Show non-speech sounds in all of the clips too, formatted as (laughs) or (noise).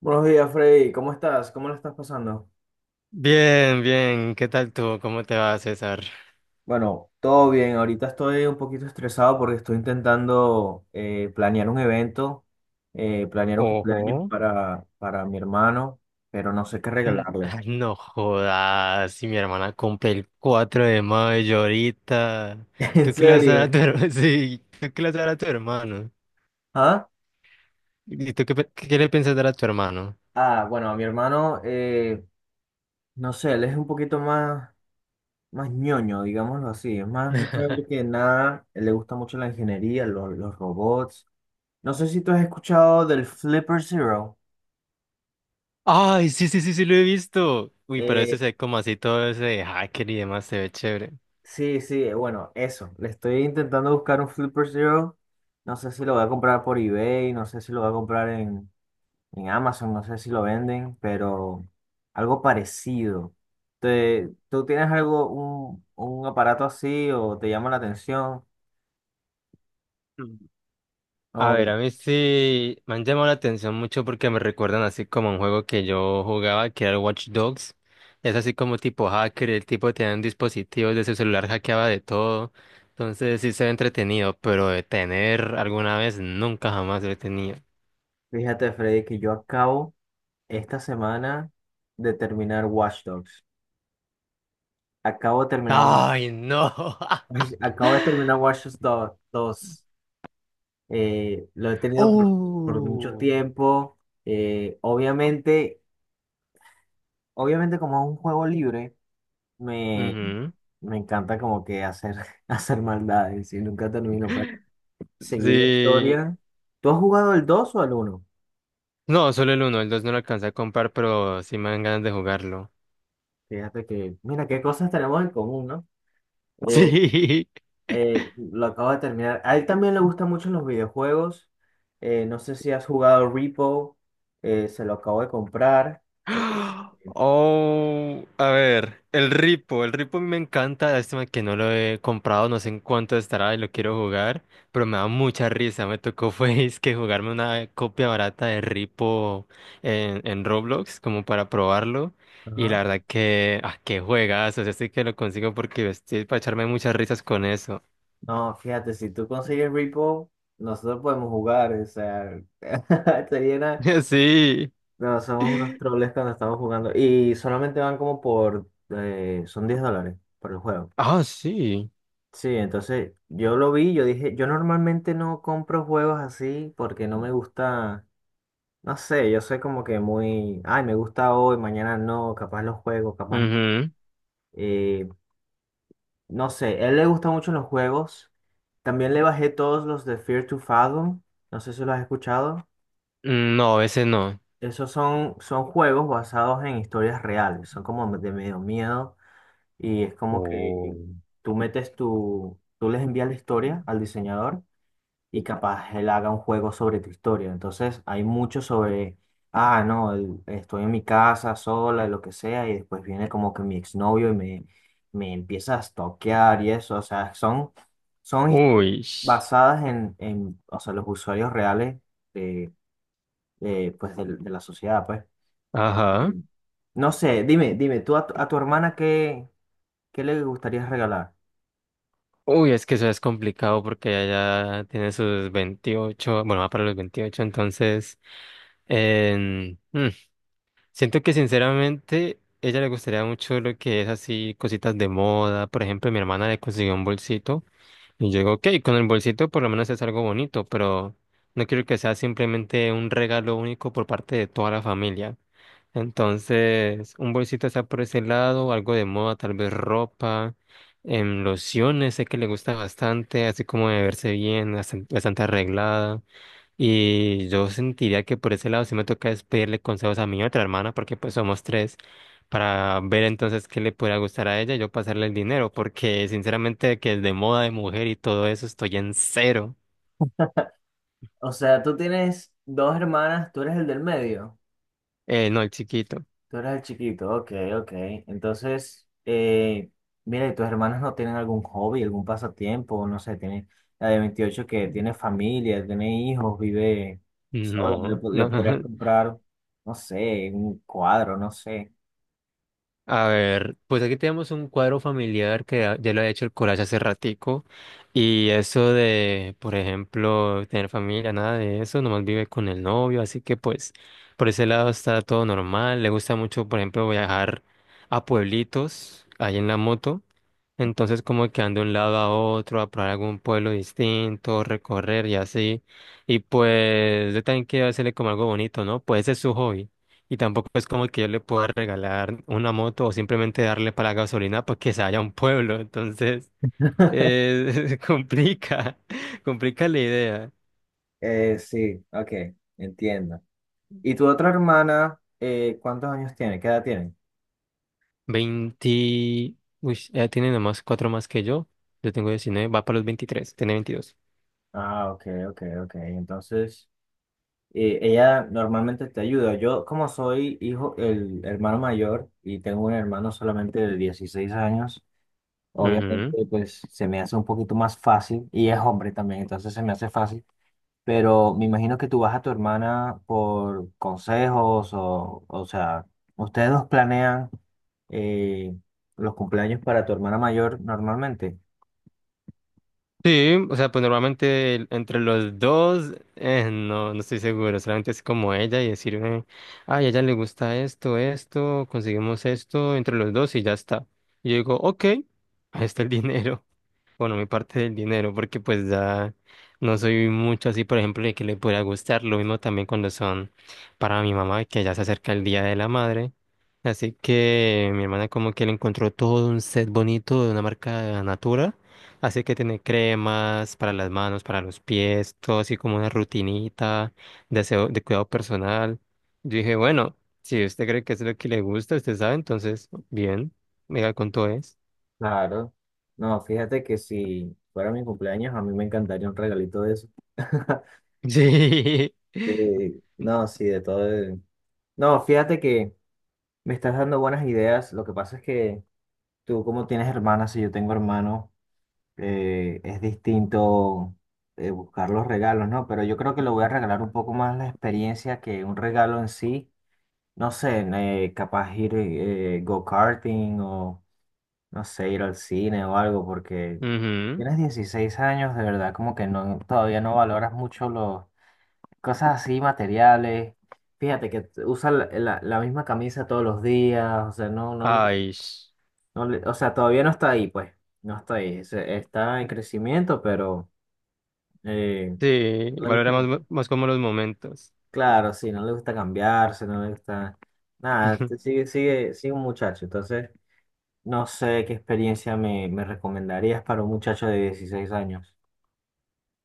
Buenos días, Freddy. ¿Cómo estás? ¿Cómo lo estás pasando? Bien, bien. ¿Qué tal tú? ¿Cómo te va, César? Bueno, todo bien. Ahorita estoy un poquito estresado porque estoy intentando planear un evento, planear un cumpleaños Ojo. para mi hermano, pero no sé qué regalarle. Ay, no jodas. Si mi hermana cumple el 4 de mayo ahorita. (laughs) ¿En ¿Tú qué le vas a dar a serio? tu hermano? (laughs) Sí, ¿tú qué le vas a dar a tu hermano? ¿Ah? ¿Y tú qué, qué le piensas dar a tu hermano? Ah, bueno, a mi hermano, no sé, él es un poquito más, más ñoño, digámoslo así. Es más ñoño que nada. Él le gusta mucho la ingeniería, los robots. No sé si tú has escuchado del Flipper Zero. Ay, sí, sí, sí, sí, lo he visto. Uy, pero ese Eh, se ve como así todo ese de hacker y demás, se ve chévere. Sí, sí, bueno, eso. Le estoy intentando buscar un Flipper Zero. No sé si lo voy a comprar por eBay, no sé si lo voy a comprar en Amazon, no sé si lo venden, pero algo parecido. ¿Tú tienes algo, un aparato así o te llama la atención? A ver, Oh, a mí sí me han llamado la atención mucho porque me recuerdan así como a un juego que yo jugaba, que era el Watch Dogs. Es así como tipo hacker, el tipo tenía un dispositivo de su celular, hackeaba de todo. Entonces sí se ve entretenido, pero de tener alguna vez nunca jamás lo he tenido. fíjate, Freddy, que yo acabo esta semana de terminar Watch Dogs. Acabo de terminar, ¡Ay, no! (laughs) (laughs) acabo de terminar Watch Dogs dos. Lo he tenido por mucho Oh. tiempo. Obviamente, obviamente como es un juego libre, me, Ujú. me encanta como que hacer, (laughs) hacer maldades y nunca termino para seguir la Sí. historia. ¿Tú has jugado el 2 o el uno? No, solo el uno, el dos no lo alcancé a comprar, pero sí me dan ganas de jugarlo. Fíjate que, mira, qué cosas tenemos en común, ¿no? (laughs) Eh, Sí. Lo acabo de terminar. A él también le gustan mucho los videojuegos. No sé si has jugado Repo, se lo acabo de comprar. eh, ¡Ah! Oh, a ver, el Ripo me encanta, lástima que no lo he comprado, no sé en cuánto estará y lo quiero jugar, pero me da mucha risa, me tocó (laughs) fue es que jugarme una copia barata de Ripo en Roblox como para probarlo y la ajá. verdad que, ah, qué juegas, o sea, sí que lo consigo porque estoy para echarme muchas risas con eso. No, fíjate, si tú consigues Repo, nosotros podemos jugar, o sea, (laughs) sería una- (laughs) Sí. no, somos unos troles cuando estamos jugando y solamente van como por, son $10 por el juego. Ah, sí. Sí, entonces yo lo vi, yo dije, yo normalmente no compro juegos así porque no me gusta, no sé, yo soy como que muy, ay, me gusta hoy, mañana no, capaz los juego, capaz. No". Ujú. Eh, No sé, a él le gustan mucho los juegos. También le bajé todos los de Fear to Fathom. No sé si los has escuchado. Mm, no, ese no. Esos son, son juegos basados en historias reales. Son como de medio miedo. Y es como que Oh. tú metes tú les envías la historia al diseñador y capaz él haga un juego sobre tu historia. Entonces hay mucho sobre, ah, no, estoy en mi casa sola, lo que sea, y después viene como que mi exnovio y me empieza a stalkear y eso. O sea, son, son historias Uy. basadas en, o sea, los usuarios reales de, de, pues, de la sociedad, pues. Ajá. Y no sé, dime, dime, tu a tu hermana qué, ¿qué le gustaría regalar? Uy, es que eso es complicado porque ella ya tiene sus 28, bueno, va para los 28 entonces em, mm, siento que sinceramente ella le gustaría mucho lo que es así, cositas de moda. Por ejemplo, mi hermana le consiguió un bolsito. Y yo digo, ok, con el bolsito por lo menos es algo bonito, pero no quiero que sea simplemente un regalo único por parte de toda la familia. Entonces, un bolsito está por ese lado, algo de moda, tal vez ropa, lociones, sé que le gusta bastante, así como de verse bien, bastante, arreglada. Y yo sentiría que por ese lado sí me toca es pedirle consejos a mi otra hermana, porque pues somos tres, para ver entonces qué le pudiera gustar a ella y yo pasarle el dinero, porque sinceramente que es de moda de mujer y todo eso estoy en cero. O sea, tú tienes dos hermanas, tú eres el del medio. No, el chiquito. Tú eras el chiquito, ok, ok. Entonces, mira, ¿y tus hermanos no tienen algún hobby, algún pasatiempo? No sé, tiene la de 28 que tiene familia, tiene hijos, vive sola, No, le no. podrías (laughs) comprar, no sé, un cuadro, no sé. A ver, pues aquí tenemos un cuadro familiar que ya lo ha hecho el collage hace ratico, y eso de, por ejemplo, tener familia, nada de eso, nomás vive con el novio, así que pues por ese lado está todo normal, le gusta mucho, por ejemplo, viajar a pueblitos ahí en la moto, entonces como que anda de un lado a otro, a probar algún pueblo distinto, recorrer y así, y pues yo también quiero hacerle como algo bonito, ¿no? Pues ese es su hobby. Y tampoco es como que yo le pueda regalar una moto o simplemente darle para la gasolina porque se vaya a un pueblo. Entonces, (laughs) (laughs) complica, (laughs) complica la idea. Sí, ok, entiendo. ¿Y tu otra hermana, cuántos años tiene? ¿Qué edad tiene? 20, uy, ella tiene nomás cuatro más que yo. Yo tengo 19, va para los 23, tiene 22. Ah, ok, ok, ok. Entonces... ella normalmente te ayuda. Yo, como soy hijo, el hermano mayor y tengo un hermano solamente de 16 años, Ujú. obviamente pues se me hace un poquito más fácil y es hombre también, entonces se me hace fácil. Pero me imagino que tú vas a tu hermana por consejos o sea, ustedes dos planean eh, los cumpleaños para tu hermana mayor normalmente. Sí, o sea, pues normalmente entre los dos, no, no estoy seguro, solamente es como ella y decirme, ay, a ella le gusta esto, esto, conseguimos esto entre los dos y ya está. Y yo digo, ok, ahí está el (laughs) dinero, bueno, mi parte del dinero, porque pues ya no soy mucho así, por ejemplo, de que le pueda gustar. Lo mismo también cuando son para mi mamá, que ya se acerca el Día de la Madre. Así que mi hermana como que le encontró todo un set bonito de una marca Natura. Así que tiene cremas para las manos, para los pies, todo así como una rutinita de cuidado personal. Yo dije, bueno, si usted cree que es lo que le gusta, usted sabe, entonces, bien, mira cuánto es. Claro. No, fíjate que si fuera mi cumpleaños, a mí me encantaría un regalito de eso. (laughs) (laughs) Sí. Sí, no, sí, de todo. No, fíjate que me estás dando buenas ideas. Lo que pasa es que tú, como tienes hermanas y yo tengo hermano, es distinto buscar los regalos, ¿no? Pero yo creo que le voy a regalar un poco más la experiencia que un regalo en sí. No sé, capaz ir go-karting o, no sé, ir al cine o algo, porque Ujú. tienes 16 años, de verdad, como que no, todavía no valoras mucho los cosas así materiales. Fíjate que usa la misma camisa todos los días, o sea, no, no, Ay, no o sea, todavía no está ahí, pues, no está ahí, está en crecimiento, pero eh, sí, no le gusta valoramos cam- más como los momentos. claro, sí, no le gusta cambiarse, no le gusta nada, (laughs) sigue, sigue, sigue un muchacho, entonces no sé qué experiencia me recomendarías para un muchacho de 16 años.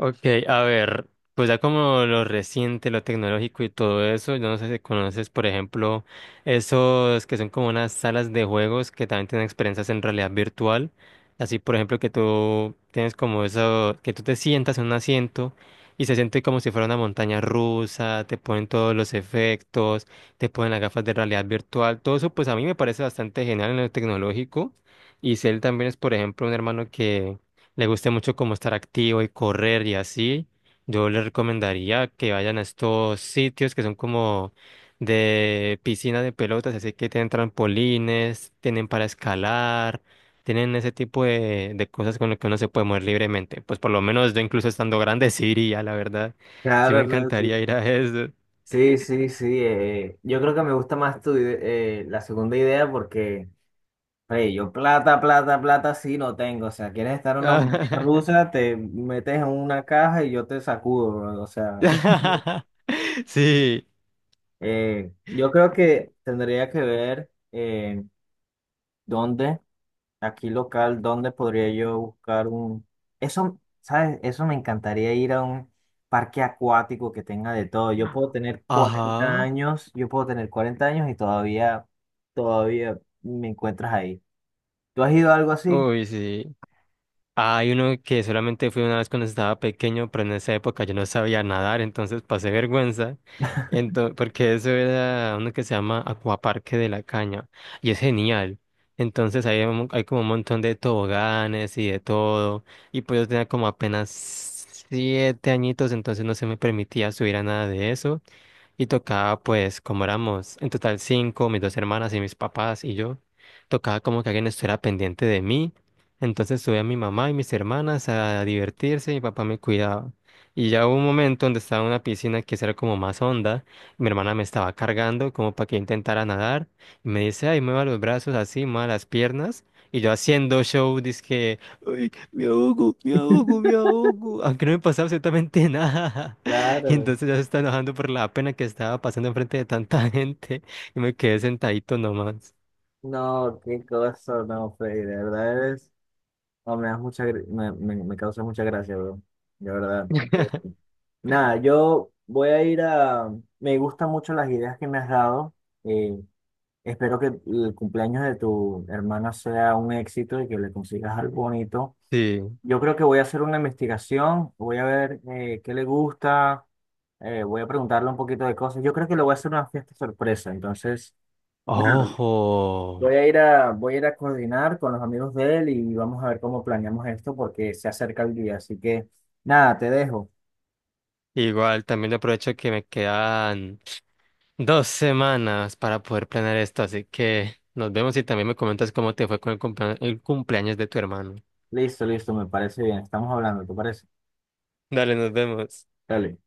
Ok, a ver, pues ya como lo reciente, lo tecnológico y todo eso, yo no sé si conoces, por ejemplo, esos que son como unas salas de juegos que también tienen experiencias en realidad virtual. Así, por ejemplo, que tú tienes como eso, que tú te sientas en un asiento y se siente como si fuera una montaña rusa, te ponen todos los efectos, te ponen las gafas de realidad virtual, todo eso, pues a mí me parece bastante genial en lo tecnológico. Y Cell también es, por ejemplo, un hermano que le guste mucho como estar activo y correr y así, yo le recomendaría que vayan a estos sitios que son como de piscina de pelotas, así que tienen trampolines, tienen para escalar, tienen ese tipo de cosas con las que uno se puede mover libremente. Pues por lo menos yo incluso estando grande (laughs) sí iría, la verdad. Sí me Claro, no, encantaría sí, ir a eso. sí, sí, sí, yo creo que me gusta más la segunda idea porque... Oye, yo plata, plata, plata sí no tengo. O sea, quieres estar en una montaña (laughs) rusa, te metes en una caja y yo te sacudo, bro. O sea, Sí. (laughs) Yo creo que tendría que ver dónde, aquí local, dónde podría yo buscar un... Eso, ¿sabes? Eso me encantaría ir a un parque acuático que tenga de todo. Yo puedo tener 40 Ajá. años, yo puedo tener 40 años y todavía, todavía me encuentras ahí. ¿Tú has ido a algo así? Uy, sí. Hay uno que solamente fui una vez cuando estaba pequeño, pero en esa época yo no sabía nadar, entonces pasé vergüenza, porque eso era uno que se llama Acuaparque de la Caña, y es genial. Entonces hay como un montón de toboganes y de todo, y pues yo tenía como apenas 7 añitos, entonces no se me permitía subir a nada de eso. Y tocaba, pues, como éramos en total cinco, mis dos hermanas y mis papás y yo, tocaba como que alguien estuviera pendiente de mí. Entonces subí a mi mamá y mis hermanas a divertirse, mi papá me cuidaba. Y ya hubo un momento donde estaba en una piscina que era como más honda, mi hermana me estaba cargando como para que yo intentara nadar, y me dice, ay, mueva los brazos así, mueva las piernas, y yo haciendo show, dizque, ay, me ahogo, me ahogo, me ahogo, aunque no me pasaba absolutamente (laughs) nada. (laughs) Y Claro. entonces ya se está enojando por la pena que estaba pasando enfrente de tanta (laughs) gente, y me quedé sentadito nomás. No, qué cosa, no, Freddy, de verdad eres, no, me das mucha, me causa mucha gracia, bro, de verdad. Nada, yo voy a ir a, me gustan mucho las ideas que me has dado, eh, espero que el cumpleaños de tu hermana sea un éxito y que le consigas algo bonito. Sí. Yo creo que voy a hacer una investigación, voy a ver qué le gusta, voy a preguntarle un poquito de cosas. Yo creo que le voy a hacer una fiesta sorpresa, entonces, nada, Ojo. Voy a ir a coordinar con los amigos de él y vamos a ver cómo planeamos esto porque se acerca el día. Así que nada, te dejo. Igual también le aprovecho que me quedan 2 semanas para poder planear esto, así que nos vemos y también me comentas cómo te fue con el el cumpleaños de tu hermano. Listo, listo, me parece bien. Estamos hablando, ¿te parece? Dale, nos vemos. Dale.